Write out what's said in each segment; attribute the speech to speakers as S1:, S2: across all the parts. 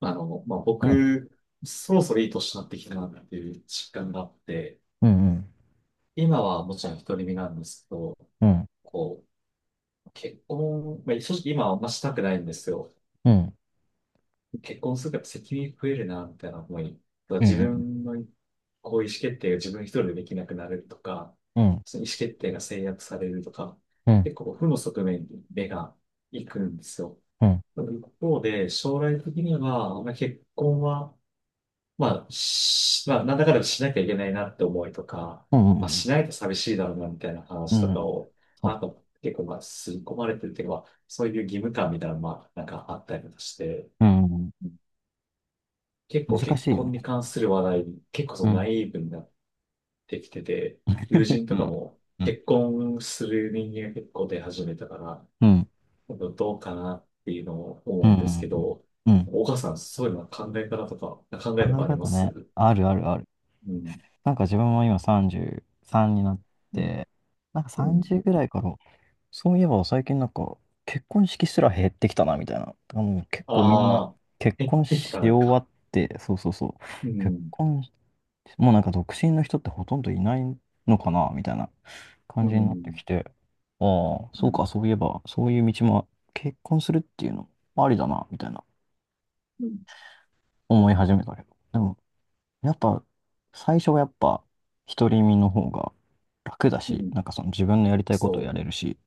S1: あの、まあ、
S2: うん、
S1: 僕、そろそろいい年になってきたなっていう実感があって、
S2: うん、
S1: 今はもちろん独り身なんですけど、
S2: うん、うん、
S1: こう、結婚、まあ、正直今はあんましたくないんですよ。
S2: うん、
S1: 結婚するから責任増えるな、みたいな思い。
S2: う
S1: 自
S2: ん、
S1: 分のこう意思決定が自分一人でできなくなるとか、
S2: うん、
S1: その意思決定が制約されるとか、
S2: うん、うん、
S1: 結構負の側面に目が行くんですよ。
S2: うん、
S1: でも一方で、将来的には、まあ、結婚は、まあ、なんだかんだしなきゃいけないなって思いとか、まあ、
S2: う
S1: しないと寂しいだろうなみたいな
S2: ん、
S1: 話と
S2: う
S1: か
S2: ん、
S1: を、
S2: そう
S1: あ
S2: だ。
S1: と結構まあ、吸い込まれてるっていうか、まあそういう義務感みたいなのまあ、なんかあったりとかして、
S2: うん、
S1: 結構
S2: 難
S1: 結
S2: しいよ
S1: 婚に
S2: ね。
S1: 関する話題、結構そ
S2: う
S1: のナ
S2: ん、
S1: イーブになってきてて、友人
S2: う
S1: とか
S2: ん、
S1: も
S2: うん、
S1: 結婚する人間が結構出始めたから、
S2: うん、
S1: どうかなっていうのを
S2: う
S1: 思うんですけ
S2: ん、
S1: ど、
S2: うん。
S1: 岡さん、そういうのは考え方とか、考
S2: 考
S1: えとか
S2: え
S1: ありま
S2: 方
S1: す
S2: ね、
S1: う
S2: あるあるある。
S1: ん。
S2: なんか自分も今33になっ
S1: うん。
S2: て、なんか
S1: うん
S2: 30ぐらいから、そういえば最近なんか結婚式すら減ってきたな、みたいな。あの、結構みんな
S1: ああ、
S2: 結
S1: 減っ
S2: 婚
S1: てき
S2: し
S1: たな
S2: 終
S1: ん
S2: わ
S1: か。
S2: って、そうそうそう。
S1: う
S2: 結
S1: ん、
S2: 婚もうなんか独身の人ってほとんどいないのかなみたいな
S1: う
S2: 感じ
S1: ん、
S2: に
S1: う
S2: なって
S1: ん、
S2: きて、ああ、そうか、そういえば、そういう道も結婚するっていうのもありだな、みたいな
S1: うん、
S2: 思い始めたけど。でも、やっぱ、最初はやっぱ、独り身の方が楽だ
S1: う
S2: し、
S1: ん
S2: なんかその自分のやりたいことをや
S1: そう、
S2: れるし、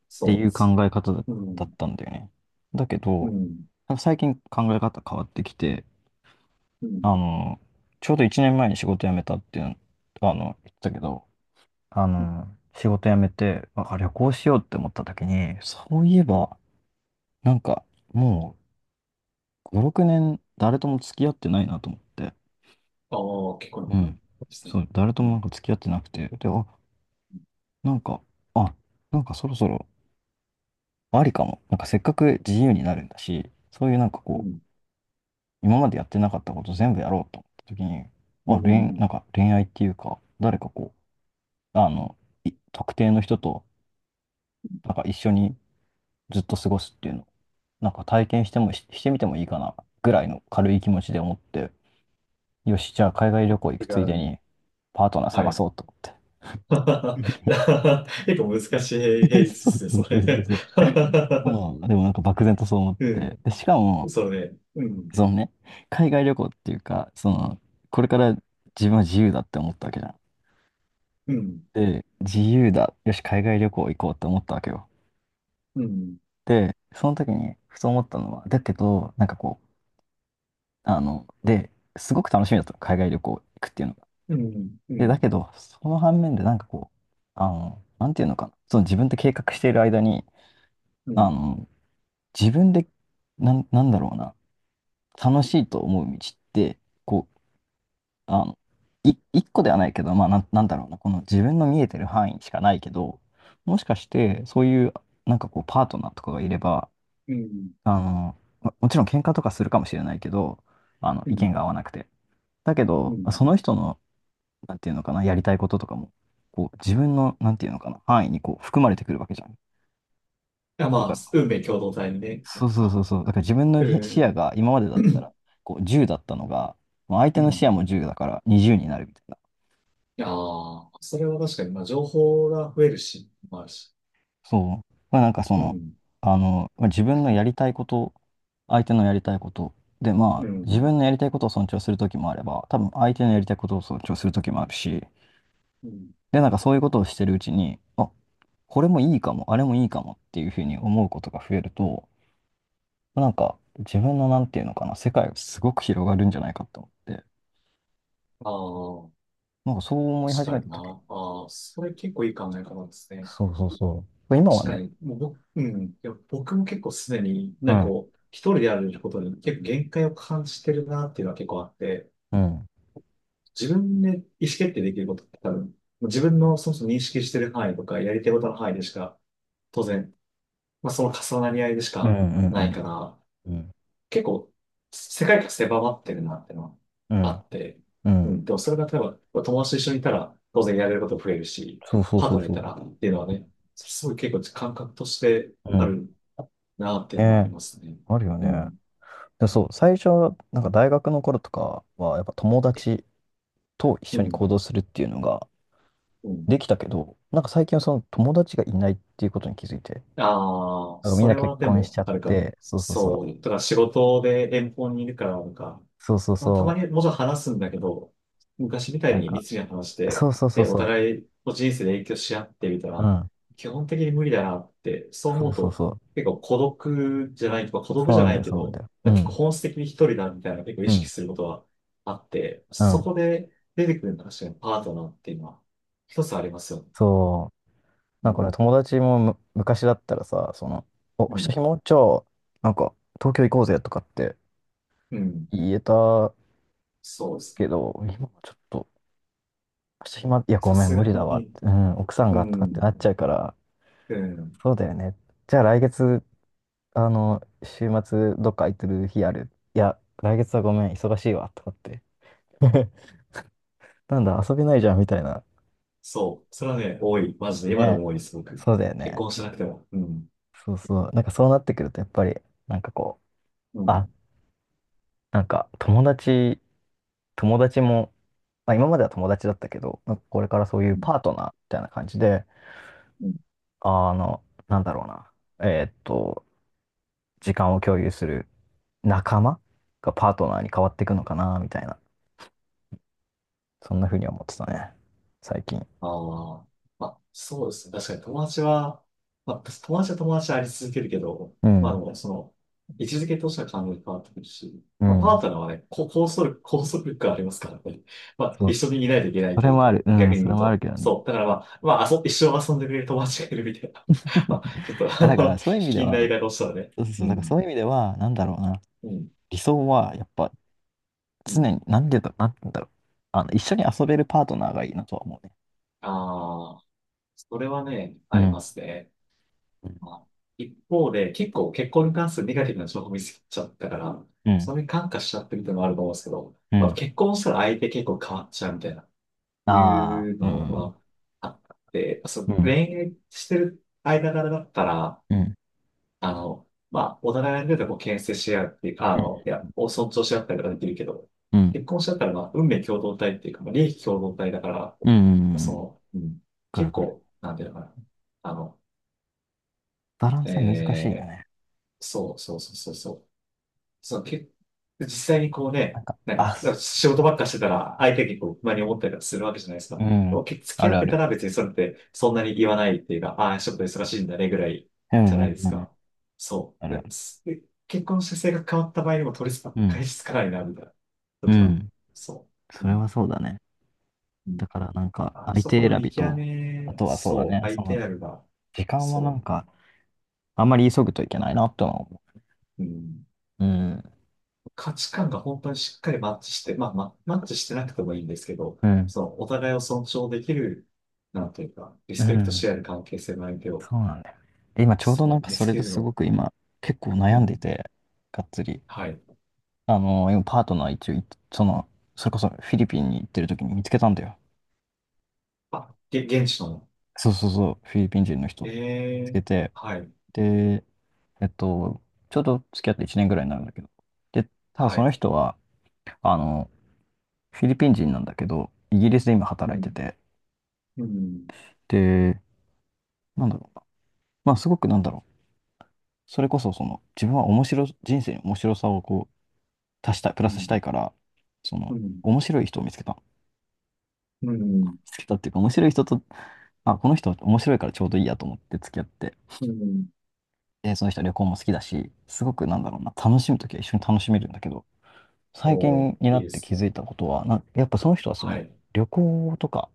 S2: ってい
S1: そ
S2: う考え方だ
S1: う、う
S2: だっ
S1: ん、
S2: たんだよね。だけ
S1: う
S2: ど、
S1: ん、
S2: なんか最近考え方変わってきて、
S1: う
S2: あ
S1: ん。
S2: の、ちょうど1年前に仕事辞めたっていうの、あの、言ってたけど、あ
S1: うん
S2: の、仕事辞めて、あ、旅行しようって思った時に、そういえば、なんか、もう、5、6年、誰とも付き合ってないなと思って。
S1: ああ、結構
S2: う
S1: な感じ
S2: ん。
S1: ですね。
S2: そう、誰と
S1: う
S2: もな
S1: ん、
S2: んか付き合ってなくて。で、あ、なんか、あ、なんかそろそろ、ありかも。なんかせっかく自由になるんだし、そういうなんか
S1: う
S2: こ
S1: ん、
S2: う、今までやってなかったこと全部やろうと思った時に、
S1: う
S2: あ、な
S1: ん。
S2: んか恋愛っていうか、誰かこう、あの、特定の人と、なんか一緒にずっと過ごすっていうのなんか体験してしてみてもいいかなぐらいの軽い気持ちで思って、よし、じゃあ海外旅行行
S1: 違
S2: くついで
S1: う。
S2: にパートナー
S1: は
S2: 探
S1: い。
S2: そうと思って。
S1: 結構難しい平 率で
S2: そうそ
S1: すね、そ
S2: うそう
S1: れ。
S2: そ う まあ、でもなんか漠然とそう思って。
S1: う
S2: で、しか
S1: ん、
S2: も、
S1: それねうん、
S2: そのね、海外旅行っていうか、その、これから自分は自由だって思ったわけじゃん。
S1: うん、
S2: で、自由だ。よし、海外旅行行こうって思ったわけよ。
S1: うん、
S2: で、その時に、ふと思ったのは、だけど、なんかこう、あの、で、すごく楽しみだったの海外旅行行くっていうの。
S1: うん、う
S2: で、だ
S1: ん、
S2: けど、その反面でなんかこう、あの、なんていうのかな、その自分で計画している間に、
S1: うん、う
S2: あ
S1: ん、
S2: の、自分で、なんだろうな、楽しいと思う道って、こう、あの、一個ではないけど、まあ、なんだろうな、この自分の見えてる範囲しかないけど、もしかして、そういう、なんかこう、パートナーとかがいれば、あの、もちろん喧嘩とかするかもしれないけど、あの、
S1: う
S2: 意見
S1: ん、
S2: が合わなくて。だけ
S1: う
S2: ど、
S1: ん。
S2: その人の、なんていうのかな、やりたいこととかも、こう、自分の、なんていうのかな、範囲にこう、含まれてくるわけじゃん。
S1: あ、
S2: だか
S1: まあ、
S2: らその、
S1: 運命共同体にね。な
S2: そう
S1: ん
S2: そうそう
S1: か
S2: そう、だから自分の
S1: う
S2: 視野
S1: ん
S2: が今までだ
S1: う
S2: った
S1: ん
S2: ら、こう、10だったのが、まあ相
S1: う
S2: 手の視野
S1: ん。
S2: も10だから20になるみたいな。
S1: ああ、それは確かに、まあ、情報が増えるし、まあ、し
S2: そう。まあなんかそ
S1: う
S2: の、
S1: ん、
S2: あの、まあ、自分のやりたいこと、相手のやりたいこと、で、ま
S1: う
S2: あ、自
S1: ん、
S2: 分のやりたいことを尊重するときもあれば、多分相手のやりたいことを尊重するときもあるし、
S1: うん。
S2: で、なんかそういうことをしてるうちに、あ、これもいいかも、あれもいいかもっていうふうに思うことが増えると、なんか自分のなんていうのかな、世界がすごく広がるんじゃないかと思って、
S1: ああ、
S2: なんかそう思い
S1: 確
S2: 始
S1: か
S2: めた
S1: に
S2: 時に、
S1: な。ああ、それ結構いい考え方ですね。
S2: そうそうそう。今は
S1: 確か
S2: ね、
S1: に、もう僕、うん、いや、僕も結構すでにね、
S2: う
S1: なんか
S2: ん、
S1: こう、一人でやることに結構限界を感じてるなっていうのは結構あって、
S2: うん、
S1: 自分で意思決定できることって多分、自分のそもそも認識してる範囲とか、やりたいことの範囲でしか、当然、まあ、その重なり合いでし
S2: うん、
S1: か
S2: うん、う
S1: ない
S2: ん、
S1: から、
S2: うん、
S1: 結構、世界が狭まってるなってのは
S2: う
S1: あ
S2: ん、
S1: って、うん、でもそれが例えば、友達と一緒にいたら、当然やれること増えるし、
S2: そうそう
S1: パー
S2: そ
S1: ト
S2: う
S1: ナーい
S2: そう。
S1: たらっていうのはね、すごい結構感覚として
S2: う
S1: あ
S2: ん。
S1: るなってい
S2: ね
S1: うのはあり
S2: え、
S1: ますね。
S2: あるよ
S1: う
S2: ね。
S1: ん、
S2: で、そう、最初、なんか大学の頃とかは、やっぱ友達と一
S1: う
S2: 緒に
S1: ん、
S2: 行動するっていうのが
S1: うん。
S2: できたけど、なんか最近はその友達がいないっていうことに気づいて、
S1: ああ、
S2: なんかみん
S1: そ
S2: な
S1: れ
S2: 結
S1: はで
S2: 婚しち
S1: も
S2: ゃっ
S1: あるかも。
S2: て、そうそうそう。
S1: そう。だから仕事で遠方にいるから、なんか、
S2: そうそう
S1: まあ、たま
S2: そう。
S1: にもちろん話すんだけど、昔みた
S2: な
S1: い
S2: ん
S1: に
S2: か、
S1: 密に話し
S2: そ
S1: て、
S2: うそうそ
S1: で、
S2: う
S1: お
S2: そう。
S1: 互いの人生で影響し合ってみた
S2: う
S1: ら、
S2: ん。
S1: 基本的に無理だなって、そう
S2: そ
S1: 思
S2: う
S1: う
S2: そう
S1: と、
S2: そう。
S1: 結構孤独じゃないとか、孤独
S2: そ
S1: じ
S2: う
S1: ゃ
S2: なん
S1: な
S2: だ
S1: い
S2: よ、
S1: け
S2: そうなんだ
S1: ど、
S2: よ。う
S1: 結構
S2: ん。
S1: 本質的に一人だみたいな結構
S2: う
S1: 意識
S2: ん。
S1: することはあって、
S2: う
S1: そ
S2: ん。
S1: こで出てくるのが確かにパートナーっていうのは一つありますよね。
S2: そう。
S1: う
S2: なんか
S1: ん。
S2: ね、友達も昔だったらさ、その、
S1: うん。
S2: 下もじゃあ、なんか、東京行こうぜとかって
S1: うん。
S2: 言えた
S1: そうです
S2: け
S1: ね。
S2: ど、今はちょっと、いや、ご
S1: さ
S2: めん、
S1: す
S2: 無
S1: が
S2: 理だわっ
S1: に。
S2: て、うん、奥さん
S1: う
S2: がとかってな
S1: ん。
S2: っちゃうから、
S1: うん。
S2: そうだよね。じゃあ来月、あの、週末、どっか空いてる日ある？いや、来月はごめん、忙しいわ、とかって。なんだ、遊べないじゃん、みたいな。
S1: そう。それはね、多い。マジで。今で
S2: ね。
S1: も多いです、僕。
S2: そうだよ
S1: 結
S2: ね。
S1: 婚しなくても。うん。
S2: そうそう。なんかそうなってくると、やっぱり、なんかこ
S1: う
S2: う、あ、
S1: ん。
S2: なんか友達も、まあ今までは友達だったけど、なんかこれからそういうパートナーみたいな感じで、
S1: うん
S2: あの、なんだろうな、えーっと、時間を共有する仲間がパートナーに変わっていくのかな、みたいな、そんな風に思ってたね、最近。
S1: ああ。まあ、そうですね。確かに友達は、まあ、友達は友達であり続けるけど、
S2: う
S1: まあで
S2: ん、
S1: も、その、位置づけとしては完全に変わってくるし、
S2: う
S1: まあ、パ
S2: ん。
S1: ートナーはね、こ拘束、拘束力がありますからね。まあ、
S2: そ
S1: 一
S2: う、
S1: 緒にいないといけない
S2: そ
S1: と
S2: れ
S1: いう
S2: もあ
S1: か、
S2: る。うん、
S1: 逆に
S2: そ
S1: 言
S2: れ
S1: う
S2: もある
S1: と。
S2: けどね。
S1: そう。だからまあ、まあ、一生遊んでくれる友達がいるみたいな。まあ、ちょっと、あ
S2: あ、だか
S1: の、
S2: らそういう意
S1: 卑
S2: 味で
S1: 近な言い
S2: は、
S1: 方をしたらね。
S2: そうそうそ
S1: う
S2: う、だからそ
S1: ん。
S2: ういう意味では、なんだろうな、
S1: うん。
S2: 理想はやっぱ
S1: う
S2: 常
S1: ん。
S2: に、なんでだ、なんだろう。あの、一緒に遊べるパートナーがいいなとは思うね。
S1: ああ。それはね、
S2: う
S1: あり
S2: ん、
S1: ますね。まあ、一方で、結構結婚に関するネガティブな情報見つけちゃったから、
S2: うん、
S1: それに感化しちゃってるっていうのもあると思うんですけど、
S2: う
S1: まあ、
S2: ん。
S1: 結婚したら相手結構変わっちゃうみたいな、い
S2: あ
S1: う
S2: あ、う
S1: の
S2: ん、
S1: はあって、そ
S2: う
S1: う、恋
S2: ん、
S1: 愛してる間柄だったら、
S2: うん、
S1: あの、まあ、お互いのことをこう牽制し合うっていうか、
S2: う
S1: あ
S2: ん、
S1: の、いや、を尊重し合ったりとかできるけど、
S2: うん、
S1: 結婚しちゃったら、まあ、運命共同体っていうか、まあ、利益共同体だから、
S2: うん。う
S1: そ
S2: ん
S1: の、うん、
S2: くる
S1: 結
S2: わかる。
S1: 構、なんていうのかな。あの、
S2: バランス難しいよ
S1: えー、
S2: ね。
S1: そうそうそうそうそう。そう、実際にこう
S2: なん
S1: ね、
S2: か、
S1: なん
S2: あ、
S1: か、なん
S2: す
S1: か仕事ばっかしてたら、相手にこう、不満に思ったりとかするわけじゃないですか。
S2: う
S1: で
S2: ん、
S1: もけ付
S2: あ
S1: き合
S2: る
S1: っ
S2: あ
S1: てた
S2: る。
S1: ら別にそれって、そんなに言わないっていうか、ああ、ちょっと忙しいんだねぐらい
S2: う
S1: じゃ
S2: ん、う
S1: ないで
S2: ん、
S1: す
S2: うん、
S1: か。そ
S2: ある
S1: う。
S2: あ
S1: で
S2: る。
S1: すで結婚して性格変わった場合にも取り
S2: うん、
S1: 返しつかないな、みたいな。と
S2: う
S1: か、
S2: ん。
S1: そう。
S2: そ
S1: う
S2: れ
S1: ん。
S2: はそうだね。
S1: うん。
S2: だから、なんか、
S1: あ
S2: 相
S1: そこ
S2: 手
S1: の
S2: 選
S1: 見
S2: び
S1: 極
S2: と、あ
S1: め、
S2: とはそうだ
S1: そう、
S2: ね、そ
S1: 相
S2: の、
S1: 手あるが、
S2: 時間はな
S1: そ
S2: んか、あんまり急ぐといけないなってのは思
S1: う。うん。
S2: う。うん、
S1: 価値観が本当にしっかりマッチして、まあ、マッチしてなくてもいいんですけど、
S2: うん、
S1: そのお互いを尊重できる、なんていうか、リ
S2: う
S1: スペクト
S2: ん。
S1: し合える関係性の相手を、
S2: そうなんだよね。で今ちょうど
S1: そ
S2: なん
S1: う、
S2: か
S1: 見
S2: そ
S1: つ
S2: れ
S1: け
S2: で
S1: る
S2: すご
S1: の。
S2: く今結構
S1: う
S2: 悩んで
S1: ん。
S2: て、がっつり。
S1: はい。
S2: あの、今パートナー一応い、その、それこそフィリピンに行ってる時に見つけたんだよ。
S1: あ、現地の。
S2: そうそうそう、フィリピン人の人見
S1: え
S2: つ
S1: え
S2: けて。
S1: はい。
S2: で、えっと、ちょうど付き合って1年ぐらいになるんだけど。で、ただ
S1: は
S2: その
S1: い。
S2: 人は、あの、フィリピン人なんだけど、イギリスで今
S1: う
S2: 働い
S1: ん。
S2: てて。
S1: うん。
S2: で、なんだろうな。まあすごくなんだろう。それこそその、自分は人生に面白さをこう、足したい、プ
S1: う
S2: ラスし
S1: ん。
S2: たいから、そ
S1: う
S2: の、
S1: ん。
S2: 面白い人を見つけた。見
S1: うん。
S2: つけたっていうか、面白い人と、まあ、この人面白いからちょうどいいやと思って付き合って、
S1: うん
S2: で、その人は旅行も好きだし、すごくなんだろうな、楽しむときは一緒に楽しめるんだけど、最
S1: おー、
S2: 近にな
S1: いい
S2: っ
S1: で
S2: て気
S1: すね。
S2: づいたことは、やっぱその人はそ
S1: は
S2: の、
S1: い。
S2: 旅行とか、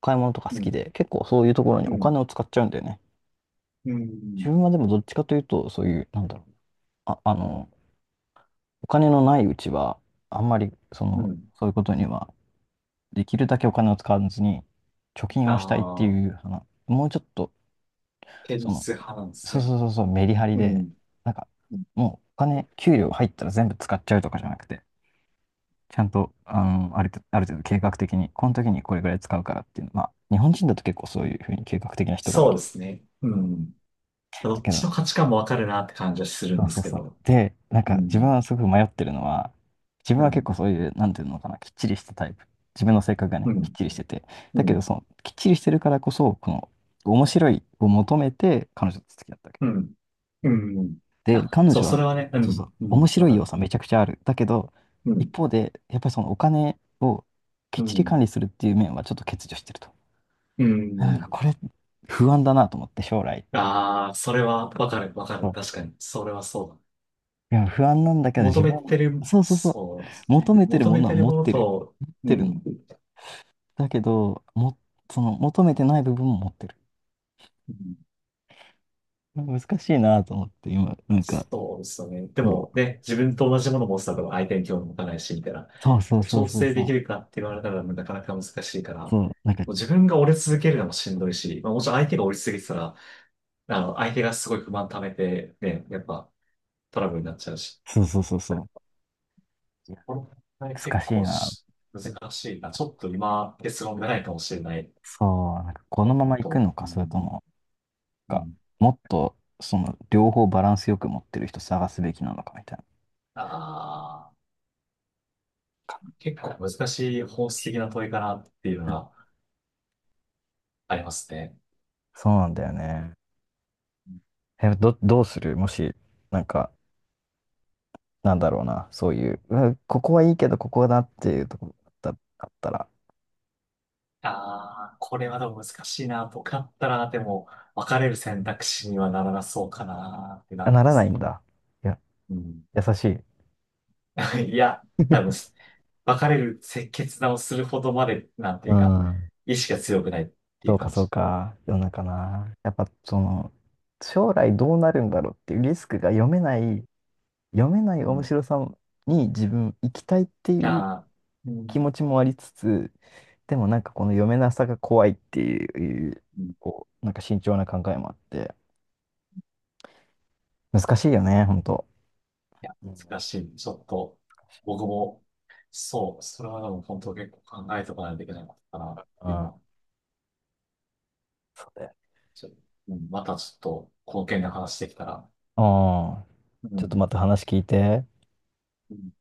S2: 買い物とか
S1: う
S2: 好き
S1: ん。
S2: で、結構そういうところに
S1: う
S2: お
S1: ん。
S2: 金を使っちゃうんだよね。
S1: う
S2: 自
S1: ん。
S2: 分はでもどっちかというと、そういう、なんだろう、あ、あの、お金のないうちは、あんまり、そ
S1: う
S2: の、
S1: ん。
S2: そういうことにはできるだけお金を使わずに貯金
S1: あ
S2: をしたいって
S1: あ、
S2: いう話、もうちょっと、
S1: 現
S2: その、
S1: 実派なんです
S2: そう
S1: ね。
S2: そうそうそう、メリハリ
S1: う
S2: で、
S1: ん。
S2: なんか、もうお金、給料入ったら全部使っちゃうとかじゃなくて、ちゃんと、あの、ある程度計画的に、この時にこれぐらい使うからっていうの、まあ、日本人だと結構そういうふうに計画的な人が多い
S1: そう
S2: け
S1: で
S2: ど。
S1: すね。うん。ど
S2: だ
S1: っ
S2: け
S1: ち
S2: ど、
S1: の価値観もわかるなって感じはする
S2: そ
S1: ん
S2: う
S1: で
S2: そ
S1: す
S2: う
S1: け
S2: そう。
S1: ど。
S2: で、なん
S1: う
S2: か自分
S1: ん、
S2: はすごく迷ってるのは、自分
S1: う
S2: は結
S1: ん、
S2: 構そういう、なんていうのかな、きっちりしたタイプ。自分の性格が
S1: う
S2: ね、きっ
S1: ん、
S2: ちりしてて。
S1: う
S2: だけど、
S1: ん、
S2: その、きっちりしてるからこそ、この、面白いを求めて、彼女と付き合ったわけ。
S1: うん、うん。うん
S2: で、
S1: あ、
S2: 彼
S1: そう、
S2: 女
S1: そ
S2: は、
S1: れはね、う
S2: そうそ
S1: ん、
S2: う、
S1: う
S2: 面
S1: ん、わ
S2: 白い
S1: か
S2: 要
S1: る。
S2: 素はめちゃくちゃある。だけど、
S1: う
S2: 一
S1: ん、
S2: 方で、やっぱりそのお金をきっ
S1: う
S2: ちり管
S1: ん、
S2: 理するっていう面はちょっと欠如してると。
S1: う
S2: なんか
S1: ん。
S2: これ、不安だなと思って、将来。
S1: ああ、それはわかる、わかる。確かに、それはそうだ。
S2: いや、不安なんだけど、
S1: 求
S2: 自
S1: め
S2: 分は、
S1: てる、
S2: そうそうそう。
S1: そうですね。
S2: 求めてる
S1: 求
S2: も
S1: め
S2: のは
S1: てる
S2: 持っ
S1: もの
S2: てる。
S1: と、
S2: 持っ
S1: う
S2: てるの。
S1: ん。
S2: だけど、その、求めてない部分も持ってる。
S1: うん
S2: 難しいなと思って、今、なんか、
S1: そうですよね。でもね、自分と同じものを持つてたら相手に興味持たないし、みたいな。
S2: そうそうそう
S1: 調
S2: そう
S1: 整
S2: そう
S1: でき
S2: そ
S1: るかって言
S2: う。
S1: われたらなかなか難しいから、も
S2: そう、なんか、
S1: う自分が折れ続けるのもしんどいし、まあ、もちろん相手が折り続けてたら、あの、相手がすごい不満溜めて、ね、やっぱトラブルになっちゃうし、
S2: そうそうそうそう。いや、
S1: この問題
S2: 難
S1: 結
S2: しい
S1: 構
S2: なって。
S1: 難しいな。ちょっと今、結論がないかもしれない。
S2: そう、なんか、こ
S1: も
S2: の
S1: っ
S2: まま行く
S1: と、
S2: の
S1: う
S2: か、それ
S1: ん、
S2: とも、
S1: う
S2: か、
S1: ん、
S2: もっと、その、両方バランスよく持ってる人探すべきなのか、みたいな。
S1: ああ、
S2: かっ
S1: 結構難しい本
S2: こいい
S1: 質
S2: し
S1: 的な問いかなっていうの
S2: うん
S1: がありますね。
S2: そうなんだよね。え、どうするもし、なんか、なんだろうな、そういう、うわここはいいけど、ここだっていうところだったあったら、
S1: ああ、これはでも難しいな。僕だったら、でも、別れる選択肢にはならなそうかなって
S2: あ
S1: なり
S2: な
S1: ま
S2: らない
S1: す。
S2: んだ。いや、
S1: うん。
S2: 優しい。
S1: いや、多分、別れる決断をするほどまで、なんて
S2: う
S1: いうか、
S2: ん。
S1: 意志が強くないってい
S2: そ
S1: う
S2: うか、
S1: 感
S2: そ
S1: じ。
S2: うか。世の中な。やっぱ、その、将来どうなるんだろうっていうリスクが読めない、読めな
S1: う
S2: い面
S1: ん。
S2: 白さに自分行きたいっていう
S1: ああ、うん。
S2: 気
S1: い
S2: 持ちもありつつ、でもなんかこの読めなさが怖いっていう、
S1: うん
S2: こう、なんか慎重な考えもあって、難しいよね、ほんと。
S1: いや、
S2: うん
S1: 難しい。ちょっと、
S2: 難しいな
S1: 僕も、そう、それはでも本当結構考えておかないといけないことかな。
S2: うん。
S1: 今、
S2: そうだよね
S1: ちょ、うん、またちょっと、この件で話してきたら、
S2: ああ、
S1: う
S2: ちょっと
S1: ん。
S2: また話聞いて。
S1: うん